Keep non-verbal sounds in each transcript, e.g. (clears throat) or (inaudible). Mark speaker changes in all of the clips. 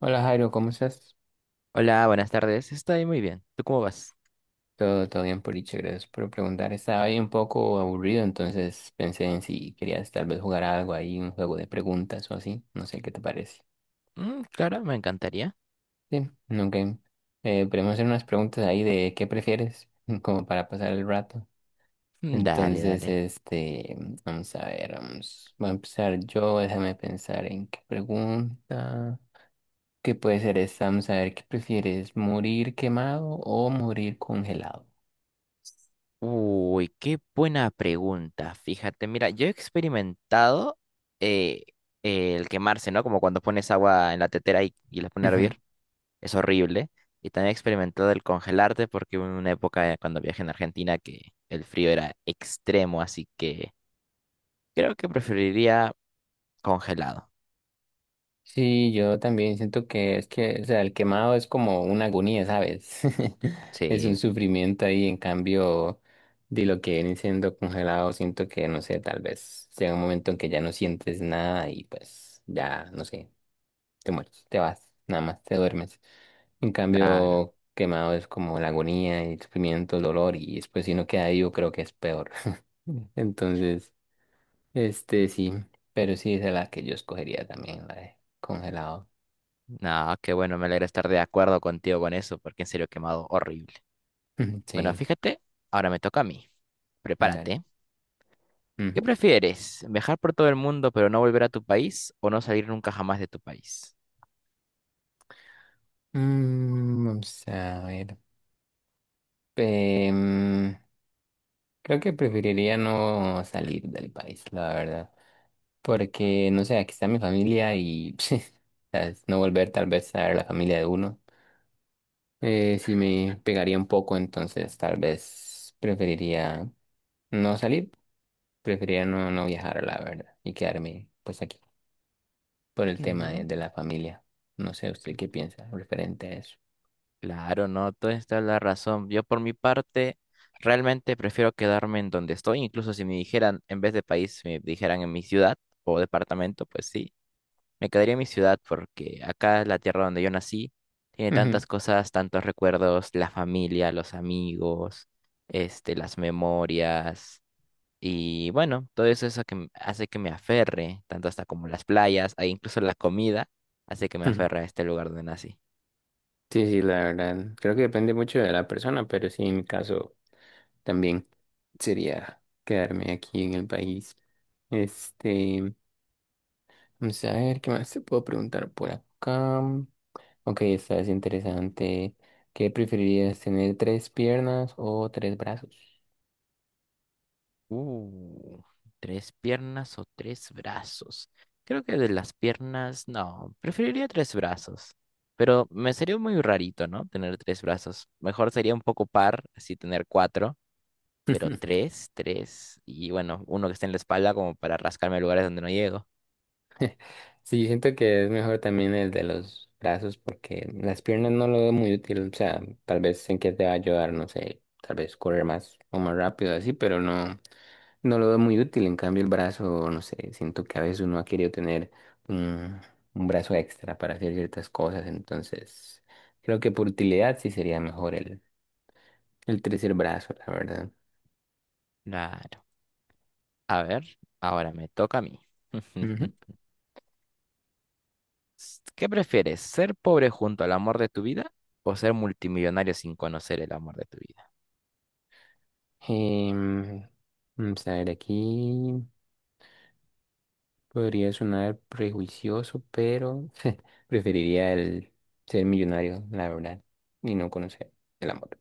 Speaker 1: Hola Jairo, ¿cómo estás?
Speaker 2: Hola, buenas tardes. Estoy muy bien. ¿Tú cómo vas?
Speaker 1: Todo bien, Poliche, gracias por preguntar. Estaba ahí un poco aburrido, entonces pensé en si querías tal vez jugar algo ahí, un juego de preguntas o así. No sé qué te parece.
Speaker 2: Mm, claro, me encantaría.
Speaker 1: Sí, no game. Podemos hacer unas preguntas ahí de qué prefieres, (laughs) como para pasar el rato.
Speaker 2: Mm,
Speaker 1: Entonces,
Speaker 2: dale.
Speaker 1: este, vamos a ver, voy a empezar yo, déjame pensar en qué pregunta. ¿Qué puede ser esta? Vamos a ver, ¿qué prefieres? ¿Morir quemado o morir congelado?
Speaker 2: Uy, qué buena pregunta. Fíjate, mira, yo he experimentado eh, el quemarse, ¿no? Como cuando pones agua en la tetera y la pones a hervir.
Speaker 1: (laughs)
Speaker 2: Es horrible. Y también he experimentado el congelarte porque hubo una época cuando viajé en Argentina que el frío era extremo, así que creo que preferiría congelado.
Speaker 1: Sí, yo también siento que es que, o sea, el quemado es como una agonía, ¿sabes? (laughs) Es un
Speaker 2: Sí,
Speaker 1: sufrimiento ahí, en cambio, de lo que viene siendo congelado, siento que, no sé, tal vez sea un momento en que ya no sientes nada y pues ya, no sé, te mueres, te vas, nada más, te duermes. En
Speaker 2: claro.
Speaker 1: cambio, quemado es como la agonía, el sufrimiento, el dolor y después si no queda vivo creo que es peor. (laughs) Entonces, este sí, pero sí esa es la que yo escogería también, la de congelado.
Speaker 2: Nada, qué bueno, me alegra estar de acuerdo contigo con eso, porque en serio he quemado horrible.
Speaker 1: Ujú,
Speaker 2: Bueno,
Speaker 1: sí,
Speaker 2: fíjate, ahora me toca a mí.
Speaker 1: dale.
Speaker 2: Prepárate. ¿Qué
Speaker 1: Ujú.
Speaker 2: prefieres? ¿Viajar por todo el mundo pero no volver a tu país o no salir nunca jamás de tu país?
Speaker 1: Mm, vamos a ver. Em, Creo que preferiría no salir del país, la verdad. Porque, no sé, aquí está mi familia y (laughs) ¿sabes? No volver tal vez a ver la familia de uno. Sí me pegaría un poco, entonces tal vez preferiría no salir, preferiría no viajar, la verdad, y quedarme pues aquí por el tema
Speaker 2: Ujú.
Speaker 1: de la familia. No sé, ¿usted
Speaker 2: Cl-
Speaker 1: qué piensa referente a eso?
Speaker 2: Claro, no, toda esta es la razón. Yo por mi parte realmente prefiero quedarme en donde estoy, incluso si me dijeran, en vez de país, me dijeran en mi ciudad o departamento, pues sí. Me quedaría en mi ciudad porque acá la tierra donde yo nací tiene
Speaker 1: Ujú.
Speaker 2: tantas cosas, tantos recuerdos, la familia, los amigos, este, las memorias y bueno, todo eso, eso que hace que me aferre, tanto hasta como las playas, e incluso la comida, hace que me
Speaker 1: (laughs)
Speaker 2: aferre a este lugar donde nací.
Speaker 1: Sí, sí, la verdad. Creo que depende mucho de la persona, pero sí, en mi caso también sería quedarme aquí en el país. Este, vamos a ver qué más te puedo preguntar por acá. Ok, esta es interesante. ¿Qué preferirías, tener tres piernas o tres brazos?
Speaker 2: Uh, tres piernas o tres brazos. Creo que de las piernas, no, preferiría tres brazos. Pero me sería muy rarito, ¿no? Tener tres brazos. Mejor sería un poco par, así tener cuatro, pero
Speaker 1: (laughs)
Speaker 2: tres, tres. Y bueno, uno que esté en la espalda como para rascarme lugares donde no llego.
Speaker 1: Sí, siento que es mejor también el de los brazos porque las piernas no lo veo muy útil. O sea, tal vez en qué te va a ayudar, no sé, tal vez correr más o más rápido así, pero no. No lo veo muy útil, en cambio el brazo, no sé, siento que a veces uno ha querido tener un, un brazo extra para hacer ciertas cosas, entonces creo que por utilidad sí sería mejor el tercer brazo, la verdad.
Speaker 2: Claro. A ver, ahora me toca a mí.
Speaker 1: Ujú.
Speaker 2: (laughs) ¿Qué prefieres? ¿Ser pobre junto al amor de tu vida o ser multimillonario sin conocer el amor de tu vida?
Speaker 1: Em, Vamos a ver, aquí podría sonar prejuicioso, pero (laughs) preferiría el ser millonario, la verdad, y no conocer el amor.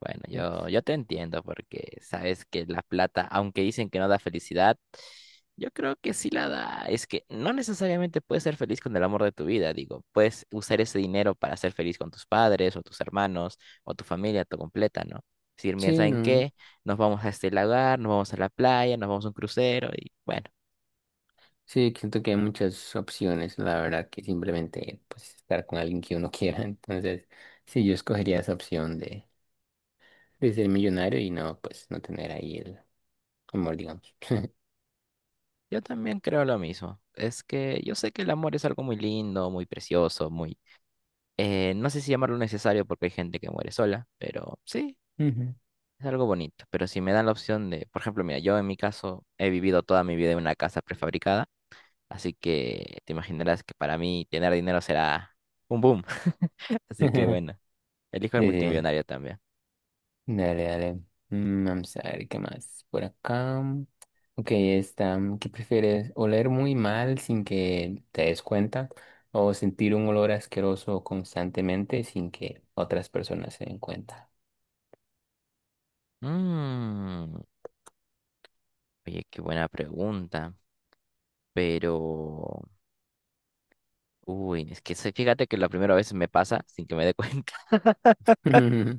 Speaker 2: Bueno, yo,
Speaker 1: Es-
Speaker 2: yo te entiendo porque sabes que la plata, aunque dicen que no da felicidad, yo creo que sí la da. Es que no necesariamente puedes ser feliz con el amor de tu vida, digo, puedes usar ese dinero para ser feliz con tus padres o tus hermanos o tu familia, tu completa, ¿no? Es decir, mira,
Speaker 1: Sí,
Speaker 2: ¿saben
Speaker 1: no.
Speaker 2: qué? Nos vamos a este lagar, nos vamos a la playa, nos vamos a un crucero y bueno,
Speaker 1: Sí, siento que hay muchas opciones, la verdad, que simplemente pues estar con alguien que uno (laughs) quiera. Entonces, sí, yo escogería esa opción de ser millonario y no, pues, no tener ahí el amor, digamos. (laughs)
Speaker 2: yo también creo lo mismo. Es que yo sé que el amor es algo muy lindo, muy precioso, muy no sé si llamarlo necesario porque hay gente que muere sola, pero sí,
Speaker 1: Ujú.
Speaker 2: es algo bonito, pero si me dan la opción de, por ejemplo, mira, yo en mi caso he vivido toda mi vida en una casa prefabricada, así que te imaginarás que para mí tener dinero será un boom. (laughs) Así que
Speaker 1: (laughs)
Speaker 2: bueno, elijo el
Speaker 1: Sí, sí.
Speaker 2: multimillonario también.
Speaker 1: Dale, dale. Mm, vamos a ver qué más por acá. Ok, está. ¿Qué prefieres? ¿Oler muy mal sin que te des cuenta o sentir un olor asqueroso constantemente sin que otras personas se den cuenta?
Speaker 2: Mm, oye, qué buena pregunta, pero... Uy, es que fíjate que la primera vez me pasa sin que me dé cuenta, (laughs)
Speaker 1: (laughs)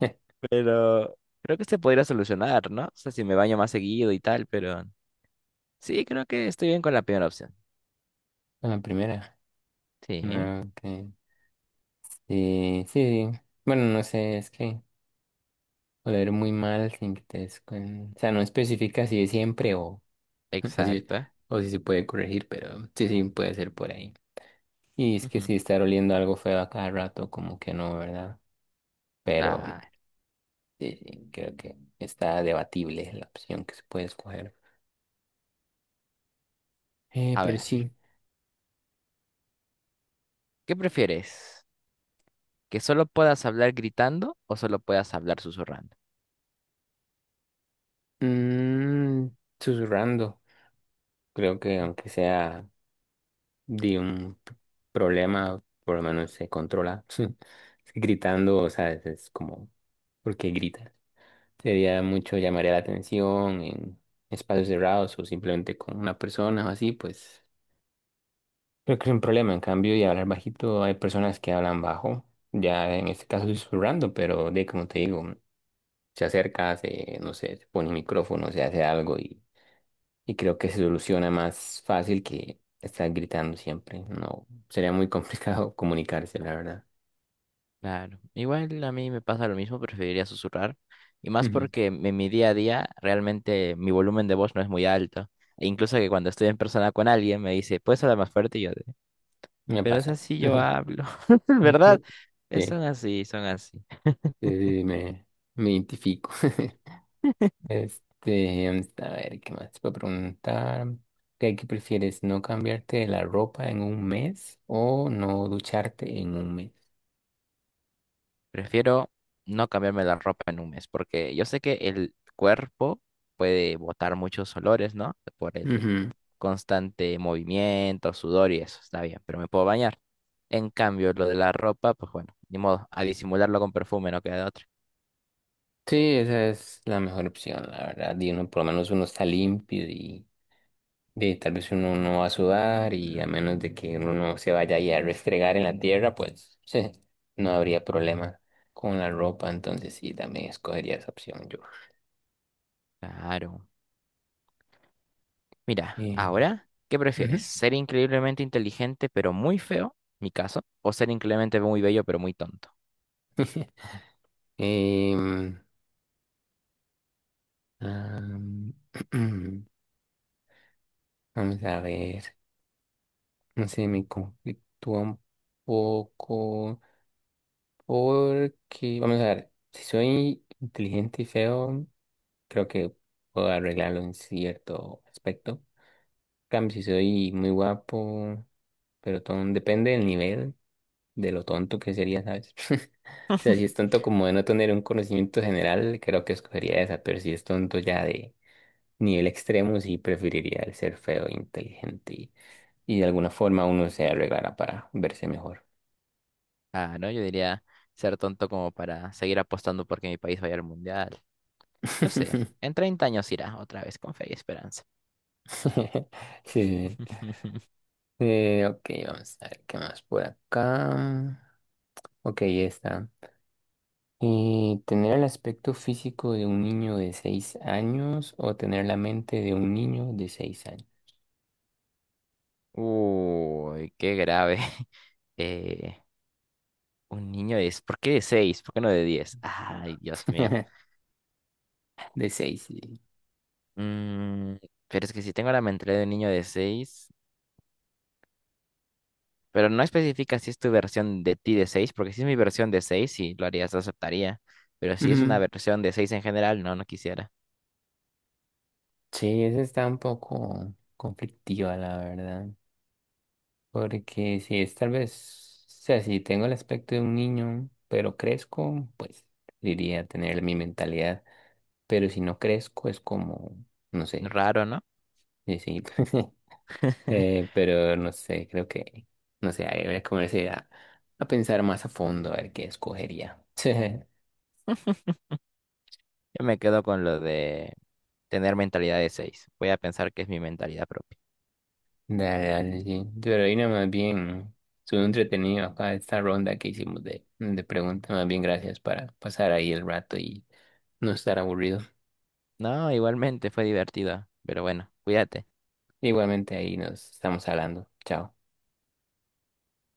Speaker 1: (laughs)
Speaker 2: pero creo que se podría solucionar, ¿no? O sea, si me baño más seguido y tal, pero sí, creo que estoy bien con la primera opción.
Speaker 1: Con la primera.
Speaker 2: Sí,
Speaker 1: No, que Sí, sí. Bueno, no sé, es que oler muy mal sin que te des cuen- O sea, no especifica si es siempre (laughs) o si,
Speaker 2: exacto.
Speaker 1: o si se puede corregir, pero sí, sí, puede ser por ahí. Y es que
Speaker 2: Ujú.
Speaker 1: sí, estar oliendo algo feo a cada rato, como que no, ¿verdad? Pero
Speaker 2: Claro.
Speaker 1: sí, sí, creo que está debatible la opción que se puede escoger.
Speaker 2: A
Speaker 1: Pero
Speaker 2: ver,
Speaker 1: sí.
Speaker 2: ¿qué prefieres? ¿Que solo puedas hablar gritando o solo puedas hablar susurrando?
Speaker 1: Mm, susurrando. Creo que
Speaker 2: Mm,
Speaker 1: aunque sea de un p- problema, por lo menos se controla. (laughs) Gritando, o sea, es como, ¿por qué gritas? Sería mucho, llamaría la atención en espacios cerrados o simplemente con una persona o así, pues creo que es un problema. En cambio, y hablar bajito, hay personas que hablan bajo, ya en este caso susurrando, pero de como te digo, se acerca, no sé, se pone un micrófono, se hace algo y creo que se soluciona más fácil que estar gritando siempre. No, sería muy complicado (laughs) comunicarse, la verdad.
Speaker 2: claro. Igual a mí me pasa lo mismo, preferiría susurrar. Y más
Speaker 1: Ujú,
Speaker 2: porque en mi día a día realmente mi volumen de voz no es muy alto. E incluso que cuando estoy en persona con alguien me dice, ¿puedes hablar más fuerte? Y yo, de,
Speaker 1: me
Speaker 2: pero es
Speaker 1: pasa.
Speaker 2: así
Speaker 1: (laughs)
Speaker 2: yo hablo. (laughs) ¿Verdad?
Speaker 1: Sí,
Speaker 2: Son así, son así.
Speaker 1: sí, me identifico. (laughs) Este, a ver, ¿qué más te puedo preguntar? ¿Qué, qué prefieres? ¿No cambiarte la ropa en un mes o no ducharte en un mes?
Speaker 2: Prefiero no cambiarme la ropa en un mes, porque yo sé que el cuerpo puede botar muchos olores, ¿no? Por el
Speaker 1: Ujú.
Speaker 2: constante movimiento, sudor y eso, está bien, pero me puedo bañar. En cambio, lo de la ropa, pues bueno, ni modo, a disimularlo con perfume, no queda de otra.
Speaker 1: Sí, esa es la mejor opción, la verdad. Y uno, por lo menos uno está limpio y de tal vez uno no va a sudar y a menos de que uno no se vaya ahí a restregar en la tierra, pues (laughs) no habría problema con la ropa, entonces sí, también escogería esa opción yo.
Speaker 2: Claro. Mira,
Speaker 1: Eh,
Speaker 2: ahora, ¿qué prefieres?
Speaker 1: ujú.
Speaker 2: ¿Ser increíblemente inteligente pero muy feo, mi caso? ¿O ser increíblemente muy bello pero muy tonto?
Speaker 1: (laughs) Em, am, (clears throat) vamos a ver, no sé, me conflictúa un poco porque, vamos a ver, si soy inteligente y feo, creo que puedo arreglarlo en cierto aspecto. Cambio, si soy muy guapo, pero todo depende del nivel, de lo tonto que sería, ¿sabes? (laughs) O sea, si es tonto como de no tener un conocimiento general, creo que escogería esa, pero si es tonto ya de nivel extremo, sí preferiría el ser feo e inteligente y de alguna forma uno se arreglará para verse mejor.
Speaker 2: Ah, ¿no? Yo diría ser tonto como para seguir apostando porque mi país vaya al mundial. Yo sé,
Speaker 1: (laughs)
Speaker 2: en 30 años irá otra vez con fe y esperanza.
Speaker 1: Sí.
Speaker 2: (laughs)
Speaker 1: Ok, vamos a ver qué más por acá. Ok, ya está. ¿Y tener el aspecto físico de un niño de seis años o tener la mente de un niño de seis años?
Speaker 2: Uy, qué grave. (laughs) Eh, un niño de ¿por qué de 6? ¿Por qué no de 10? Ay, Dios mío.
Speaker 1: (laughs) De seis, sí.
Speaker 2: Mm, pero es que si tengo la mentalidad de un niño de 6, pero no especifica si es tu versión de ti de 6, porque si es mi versión de 6 sí, lo harías, lo aceptaría. Pero si es una
Speaker 1: Ujú.
Speaker 2: versión de 6 en general, no, no quisiera.
Speaker 1: Sí, esa está un poco conflictiva, la verdad. Porque si es tal vez, o sea, si tengo el aspecto de un niño, pero crezco, pues diría tener mi mentalidad. Pero si no crezco, es como, no sé,
Speaker 2: Raro, ¿no?
Speaker 1: sí, sí. (laughs)
Speaker 2: (laughs)
Speaker 1: Pero no sé, no sé, ahí voy a comenzar a pensar más a fondo a ver qué escogería. (laughs)
Speaker 2: Yo me quedo con lo de tener mentalidad de 6. Voy a pensar que es mi mentalidad propia.
Speaker 1: Dale, dale, sí. Pero ahí nada más bien, estuvo entretenido acá esta ronda que hicimos de preguntas, más bien gracias para pasar ahí el rato y no estar aburrido.
Speaker 2: No, igualmente fue divertido, pero bueno, cuídate.
Speaker 1: Igualmente ahí nos estamos hablando. Chao.